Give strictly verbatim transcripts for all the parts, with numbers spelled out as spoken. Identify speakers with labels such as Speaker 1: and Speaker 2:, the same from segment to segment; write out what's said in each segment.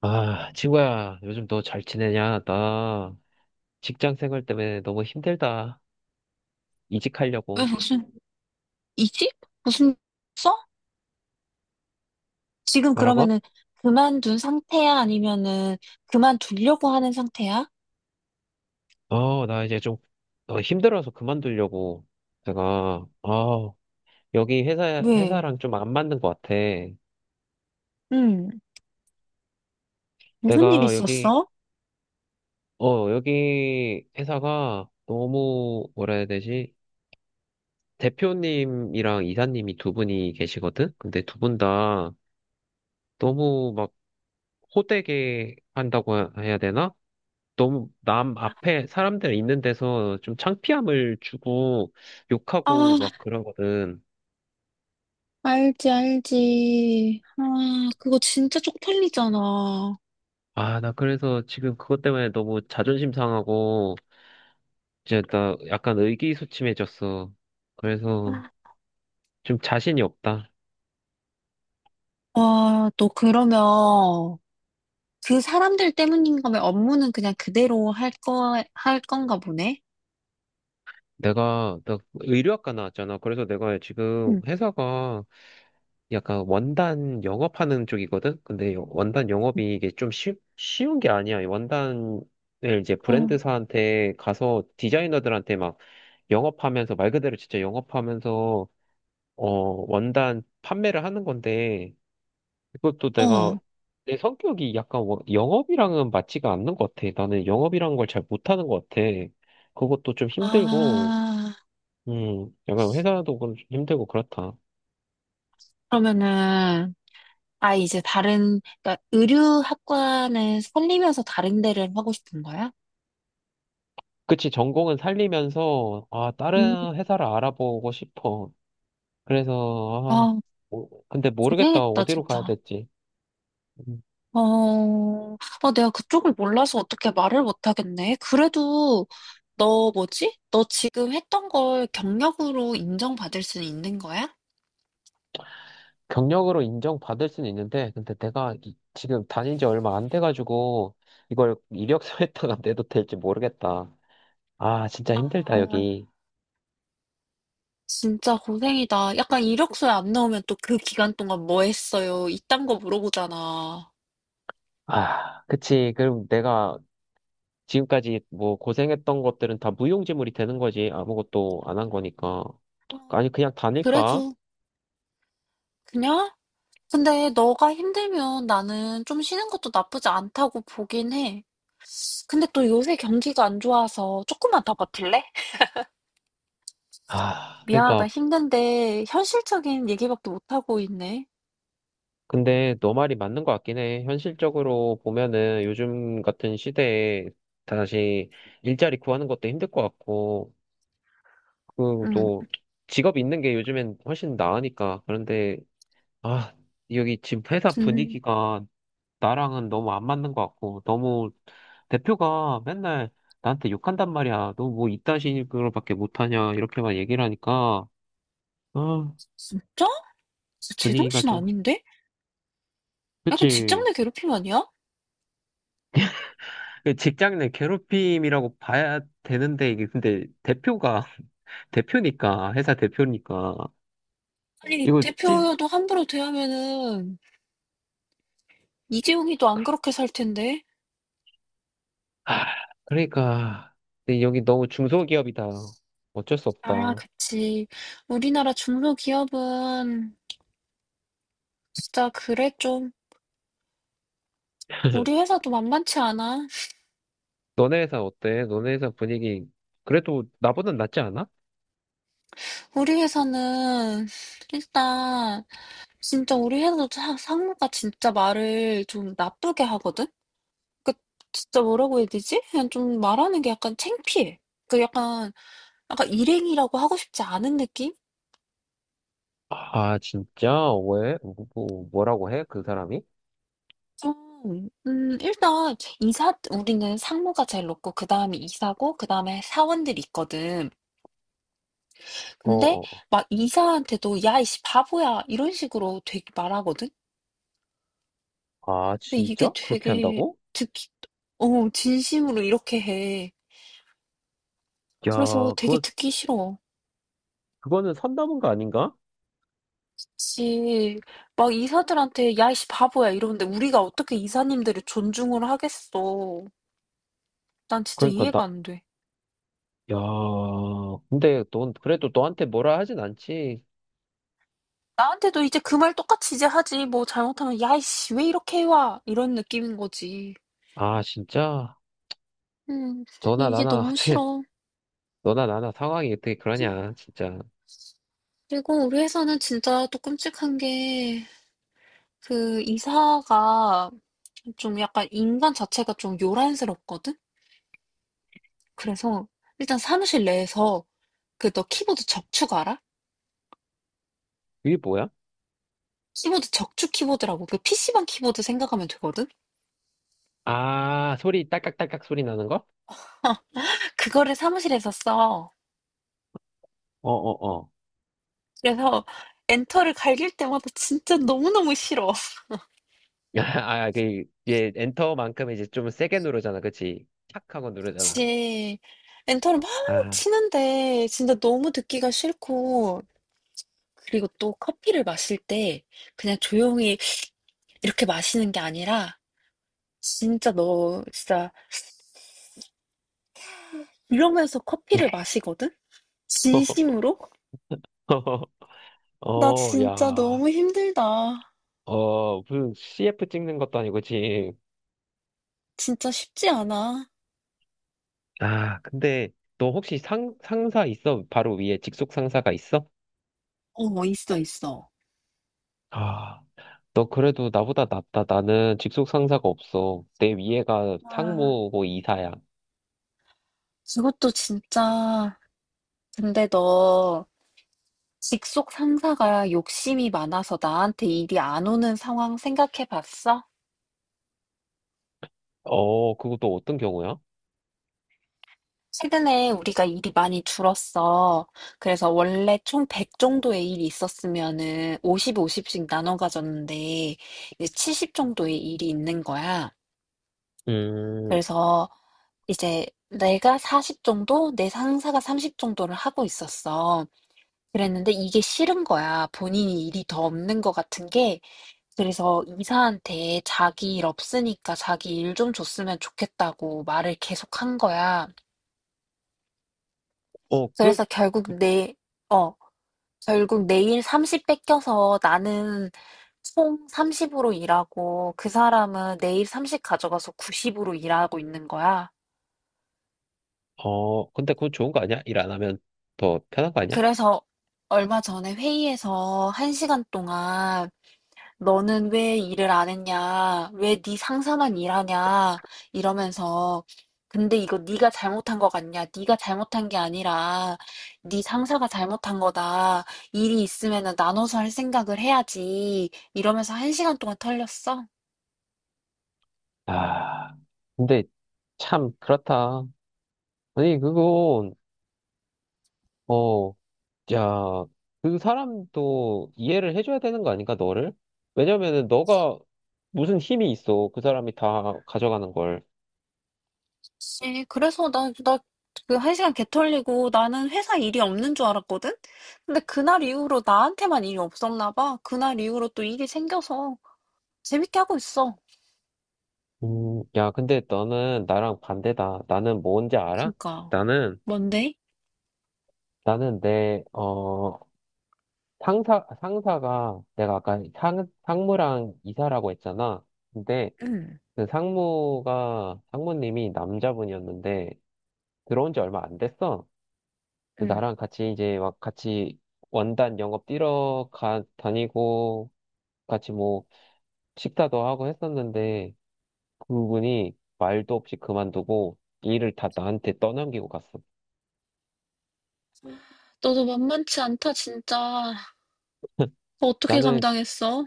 Speaker 1: 아, 친구야, 요즘 너 잘 지내냐? 나 직장 생활 때문에 너무 힘들다.
Speaker 2: 왜
Speaker 1: 이직하려고.
Speaker 2: 무슨 이직? 무슨 써? 지금
Speaker 1: 뭐라고?
Speaker 2: 그러면은 그만둔 상태야? 아니면은 그만두려고 하는 상태야?
Speaker 1: 어, 나 이제 좀 어, 힘들어서 그만두려고. 내가, 아, 여기 회사,
Speaker 2: 왜?
Speaker 1: 회사랑 좀 안 맞는 것 같아.
Speaker 2: 응, 무슨 일
Speaker 1: 내가 여기,
Speaker 2: 있었어?
Speaker 1: 어, 여기 회사가 너무, 뭐라 해야 되지? 대표님이랑 이사님이 두 분이 계시거든? 근데 두 분 다 너무 막 호되게 한다고 해야 되나? 너무 남 앞에 사람들 있는 데서 좀 창피함을 주고 욕하고
Speaker 2: 아,
Speaker 1: 막 그러거든.
Speaker 2: 알지, 알지. 아, 그거 진짜 쪽팔리잖아.
Speaker 1: 아, 나 그래서 지금 그것 때문에 너무 자존심 상하고 이제 나 약간 의기소침해졌어. 그래서 좀 자신이 없다.
Speaker 2: 와, 너 그러면 그 사람들 때문인가 왜 업무는 그냥 그대로 할 거, 할 건가 보네?
Speaker 1: 내가 나 의류학과 나왔잖아. 그래서 내가 지금
Speaker 2: 응.
Speaker 1: 회사가 약간 원단 영업하는 쪽이거든. 근데 원단 영업이 이게 좀 쉬, 쉬운 게 아니야. 원단을 이제
Speaker 2: 어,
Speaker 1: 브랜드사한테 가서 디자이너들한테 막 영업하면서 말 그대로 진짜 영업하면서 어 원단 판매를 하는 건데 그것도 내가
Speaker 2: 어.
Speaker 1: 내 성격이 약간 워- 영업이랑은 맞지가 않는 것 같아. 나는 영업이라는 걸 잘 못하는 것 같아. 그것도 좀 힘들고
Speaker 2: 아,
Speaker 1: 음 약간 회사도 좀 힘들고 그렇다.
Speaker 2: 그러면은 아, 이제 다른, 그러니까 의류학과는 살리면서 다른 데를 하고 싶은 거야?
Speaker 1: 그치, 전공은 살리면서 아,
Speaker 2: 음.
Speaker 1: 다른 회사를 알아보고 싶어. 그래서 아,
Speaker 2: 아,
Speaker 1: 뭐- 근데 모르겠다,
Speaker 2: 고생했다,
Speaker 1: 어디로 가야
Speaker 2: 진짜.
Speaker 1: 될지. 음.
Speaker 2: 어, 아, 내가 그쪽을 몰라서 어떻게 말을 못 하겠네. 그래도, 너 뭐지? 너 지금 했던 걸 경력으로 인정받을 수 있는 거야?
Speaker 1: 경력으로 인정받을 수는 있는데, 근데 내가 이- 지금 다닌 지 얼마 안 돼가지고, 이걸 이력서에다가 내도 될지 모르겠다. 아, 진짜 힘들다,
Speaker 2: 아,
Speaker 1: 여기.
Speaker 2: 진짜 고생이다. 약간 이력서에 안 나오면 또 그 기간 동안 뭐 했어요? 이딴 거 물어보잖아.
Speaker 1: 아, 그치. 그럼 내가 지금까지 뭐 고생했던 것들은 다 무용지물이 되는 거지. 아무것도 안 한 거니까. 아니, 그냥 다닐까?
Speaker 2: 그래도, 그냥? 근데 너가 힘들면 나는 좀 쉬는 것도 나쁘지 않다고 보긴 해. 근데 또 요새 경기가 안 좋아서 조금만 더 버틸래?
Speaker 1: 아, 그러니까.
Speaker 2: 미안하다. 힘든데 현실적인 얘기밖에 못하고 있네.
Speaker 1: 근데 너 말이 맞는 것 같긴 해. 현실적으로 보면은 요즘 같은 시대에 다시 일자리 구하는 것도 힘들 것 같고, 그,
Speaker 2: 응.
Speaker 1: 또, 직업 있는 게 요즘엔 훨씬 나으니까. 그런데, 아, 여기 지금 회사
Speaker 2: 음,
Speaker 1: 분위기가 나랑은 너무 안 맞는 것 같고, 너무 대표가 맨날 나한테 욕한단 말이야. 너 뭐 이딴 식으로밖에 못하냐. 이렇게만 얘기를 하니까, 아,
Speaker 2: 진짜?
Speaker 1: 분위기가
Speaker 2: 제정신
Speaker 1: 좀,
Speaker 2: 아닌데? 약간 직장
Speaker 1: 그치.
Speaker 2: 내 괴롭힘 아니야?
Speaker 1: 그 직장 내 괴롭힘이라고 봐야 되는데, 이게 근데 대표가, 대표니까, 회사 대표니까,
Speaker 2: 아니,
Speaker 1: 이거 찐,
Speaker 2: 대표도 함부로 대하면은 이재용이도 안 그렇게 살 텐데.
Speaker 1: 아, 그러니까 근데 여기 너무 중소기업이다. 어쩔 수
Speaker 2: 아,
Speaker 1: 없다.
Speaker 2: 그치. 우리나라 중소기업은 진짜 그래 좀. 우리 회사도 만만치 않아.
Speaker 1: 너네 회사 어때? 너네 회사 분위기 그래도 나보단 낫지 않아?
Speaker 2: 우리 회사는 일단 진짜 우리 회사도 사- 상무가 진짜 말을 좀 나쁘게 하거든? 그 진짜 뭐라고 해야 되지? 그냥 좀 말하는 게 약간 창피해. 그 약간 약간 일행이라고 하고 싶지 않은 느낌?
Speaker 1: 아 진짜? 왜? 뭐, 뭐- 뭐라고 해? 그 사람이?
Speaker 2: 좀, 음, 일단, 이사, 우리는 상무가 제일 높고, 그 다음에 이사고, 그 다음에 사원들이 있거든. 근데,
Speaker 1: 어어.
Speaker 2: 막 이사한테도, 야, 이씨, 바보야. 이런 식으로 되게 말하거든?
Speaker 1: 아
Speaker 2: 근데 이게
Speaker 1: 진짜? 그렇게
Speaker 2: 되게
Speaker 1: 한다고?
Speaker 2: 듣기, 어, 진심으로 이렇게 해. 그래서
Speaker 1: 야,
Speaker 2: 되게
Speaker 1: 그거
Speaker 2: 듣기 싫어.
Speaker 1: 그거는 선담은 거 아닌가?
Speaker 2: 씨, 막 이사들한테, 야, 이씨, 바보야, 이러는데 우리가 어떻게 이사님들을 존중을 하겠어. 난 진짜
Speaker 1: 그러니까 나
Speaker 2: 이해가 안 돼.
Speaker 1: 야, 근데 넌 그래도 너한테 뭐라 하진 않지?
Speaker 2: 나한테도 이제 그 말 똑같이 이제 하지. 뭐 잘못하면, 야, 이씨, 왜 이렇게 해와? 이런 느낌인 거지.
Speaker 1: 아 진짜?
Speaker 2: 음,
Speaker 1: 너나
Speaker 2: 이게
Speaker 1: 나나
Speaker 2: 너무
Speaker 1: 어떻게
Speaker 2: 싫어.
Speaker 1: 너나 나나 상황이 어떻게 그러냐 진짜.
Speaker 2: 그리고 우리 회사는 진짜 또 끔찍한 게, 그 이사가 좀 약간 인간 자체가 좀 요란스럽거든? 그래서 일단 사무실 내에서 그 너 키보드 적축 알아?
Speaker 1: 이게 뭐야?
Speaker 2: 키보드 적축 키보드라고 그 피시방 키보드 생각하면 되거든?
Speaker 1: 아, 소리 딸깍딸깍 소리 나는 거?
Speaker 2: 그거를 사무실에서 써.
Speaker 1: 어, 어, 어.
Speaker 2: 그래서 엔터를 갈길 때마다 진짜 너무너무 싫어.
Speaker 1: 아, 그, 얘 엔터만큼 이제 좀 세게 누르잖아, 그치? 착 하고 누르잖아.
Speaker 2: 그치. 엔터를 막
Speaker 1: 아,
Speaker 2: 치는데 진짜 너무 듣기가 싫고. 그리고 또 커피를 마실 때 그냥 조용히 이렇게 마시는 게 아니라 진짜 너 진짜 이러면서 커피를 마시거든? 진심으로? 나
Speaker 1: 어,
Speaker 2: 진짜
Speaker 1: 야,
Speaker 2: 너무 힘들다.
Speaker 1: 어, 무슨 씨에프 찍는 것도 아니고, 지금.
Speaker 2: 진짜 쉽지 않아.
Speaker 1: 아, 근데 너 혹시 상, 상사 있어? 바로 위에 직속 상사가 있어?
Speaker 2: 어, 있어, 있어.
Speaker 1: 아, 너 그래도 나보다 낫다. 나는 직속 상사가 없어. 내 위에가
Speaker 2: 와,
Speaker 1: 상무고 이사야.
Speaker 2: 그것도 진짜. 근데 너 직속 상사가 욕심이 많아서 나한테 일이 안 오는 상황 생각해 봤어?
Speaker 1: 어, 그거 또 어떤 경우야?
Speaker 2: 최근에 우리가 일이 많이 줄었어. 그래서 원래 총 백 정도의 일이 있었으면은 오십, 오십씩 나눠 가졌는데 이제 칠십 정도의 일이 있는 거야.
Speaker 1: 음,
Speaker 2: 그래서 이제 내가 사십 정도, 내 상사가 삼십 정도를 하고 있었어. 그랬는데 이게 싫은 거야. 본인이 일이 더 없는 것 같은 게. 그래서 이사한테 자기 일 없으니까 자기 일 좀 줬으면 좋겠다고 말을 계속 한 거야.
Speaker 1: 어, 그,
Speaker 2: 그래서 결국 내, 어, 결국 내일 삼십 뺏겨서 나는 총 삼십으로 일하고 그 사람은 내일 삼십 가져가서 구십으로 일하고 있는 거야.
Speaker 1: 어, 근데 그건 좋은 거 아니야? 일 안 하면 더 편한 거 아니야?
Speaker 2: 그래서 얼마 전에 회의에서 한시간 동안 너는 왜 일을 안 했냐? 왜 네 상사만 일하냐? 이러면서 근데 이거 네가 잘못한 거 같냐? 네가 잘못한 게 아니라 네 상사가 잘못한 거다. 일이 있으면은 나눠서 할 생각을 해야지. 이러면서 한시간 동안 털렸어.
Speaker 1: 아, 근데 참 그렇다. 아니, 그건, 어, 야, 그 사람도 이해를 해줘야 되는 거 아닌가, 너를? 왜냐면은 너가 무슨 힘이 있어. 그 사람이 다 가져가는 걸.
Speaker 2: 네, 그래서 나, 나, 그, 한 시간 개 털리고 나는 회사 일이 없는 줄 알았거든? 근데 그날 이후로 나한테만 일이 없었나 봐. 그날 이후로 또 일이 생겨서 재밌게 하고 있어.
Speaker 1: 음, 야, 근데 너는 나랑 반대다. 나는 뭔지 알아?
Speaker 2: 그러니까,
Speaker 1: 나는,
Speaker 2: 뭔데?
Speaker 1: 나는 내, 어, 상사, 상사가, 내가 아까 상, 상무랑 이사라고 했잖아. 근데
Speaker 2: 응,
Speaker 1: 근데 상무가, 상무님이 남자분이었는데, 들어온 지 얼마 안 됐어. 근데
Speaker 2: 응.
Speaker 1: 나랑 같이 이제 막 같이 원단 영업 뛰러 가, 다니고, 같이 뭐 식사도 하고 했었는데, 그분이 말도 없이 그만두고 일을 다 나한테 떠넘기고 갔어.
Speaker 2: 너도 만만치 않다, 진짜. 그거 어떻게
Speaker 1: 나는,
Speaker 2: 감당했어?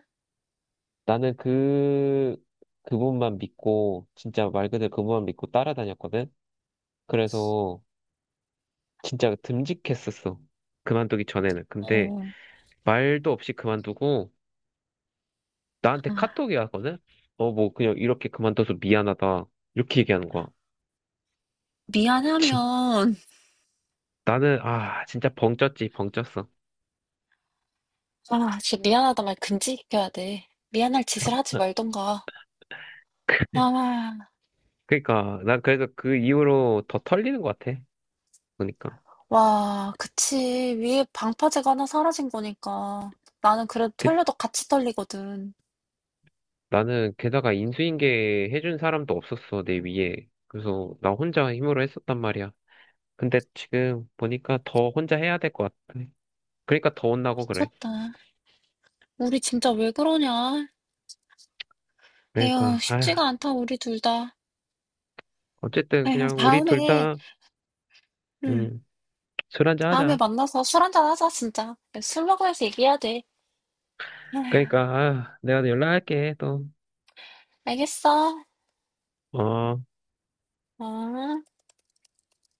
Speaker 1: 나는 그, 그분만 믿고, 진짜 말 그대로 그분만 믿고 따라다녔거든? 그래서 진짜 듬직했었어. 그만두기 전에는. 근데
Speaker 2: 어,
Speaker 1: 말도 없이 그만두고 나한테
Speaker 2: 아,
Speaker 1: 카톡이 왔거든? 어, 뭐 그냥 이렇게 그만둬서 미안하다. 이렇게 얘기하는 거야. 진-
Speaker 2: 미안하면,
Speaker 1: 나는 아, 진짜 벙쪘지, 벙쪘어.
Speaker 2: 아, 진짜 미안하다 말 금지시켜야 돼. 미안할 짓을 하지 말던가. 아,
Speaker 1: 그러니까 난 그래서 그 이후로 더 털리는 것 같아. 그러니까
Speaker 2: 와, 그치. 위에 방파제가 하나 사라진 거니까. 나는 그래도
Speaker 1: 그-
Speaker 2: 털려도 같이 털리거든.
Speaker 1: 나는 게다가 인수인계 해준 사람도 없었어, 내 위에. 그래서 나 혼자 힘으로 했었단 말이야. 근데 지금 보니까 더 혼자 해야 될 것 같아. 그러니까 더 혼나고 그래.
Speaker 2: 미쳤다. 우리 진짜 왜 그러냐? 에휴,
Speaker 1: 그러니까 아,
Speaker 2: 쉽지가 않다, 우리 둘 다.
Speaker 1: 어쨌든
Speaker 2: 에휴,
Speaker 1: 그냥 우리 둘
Speaker 2: 다음에,
Speaker 1: 다,
Speaker 2: 응,
Speaker 1: 음, 술 한잔
Speaker 2: 다음에
Speaker 1: 하자.
Speaker 2: 만나서 술 한잔 하자, 진짜. 술 먹으면서 얘기해야 돼.
Speaker 1: 그러니까
Speaker 2: 에휴,
Speaker 1: 아, 내가 연락할게 또.
Speaker 2: 알겠어.
Speaker 1: 어.
Speaker 2: 어.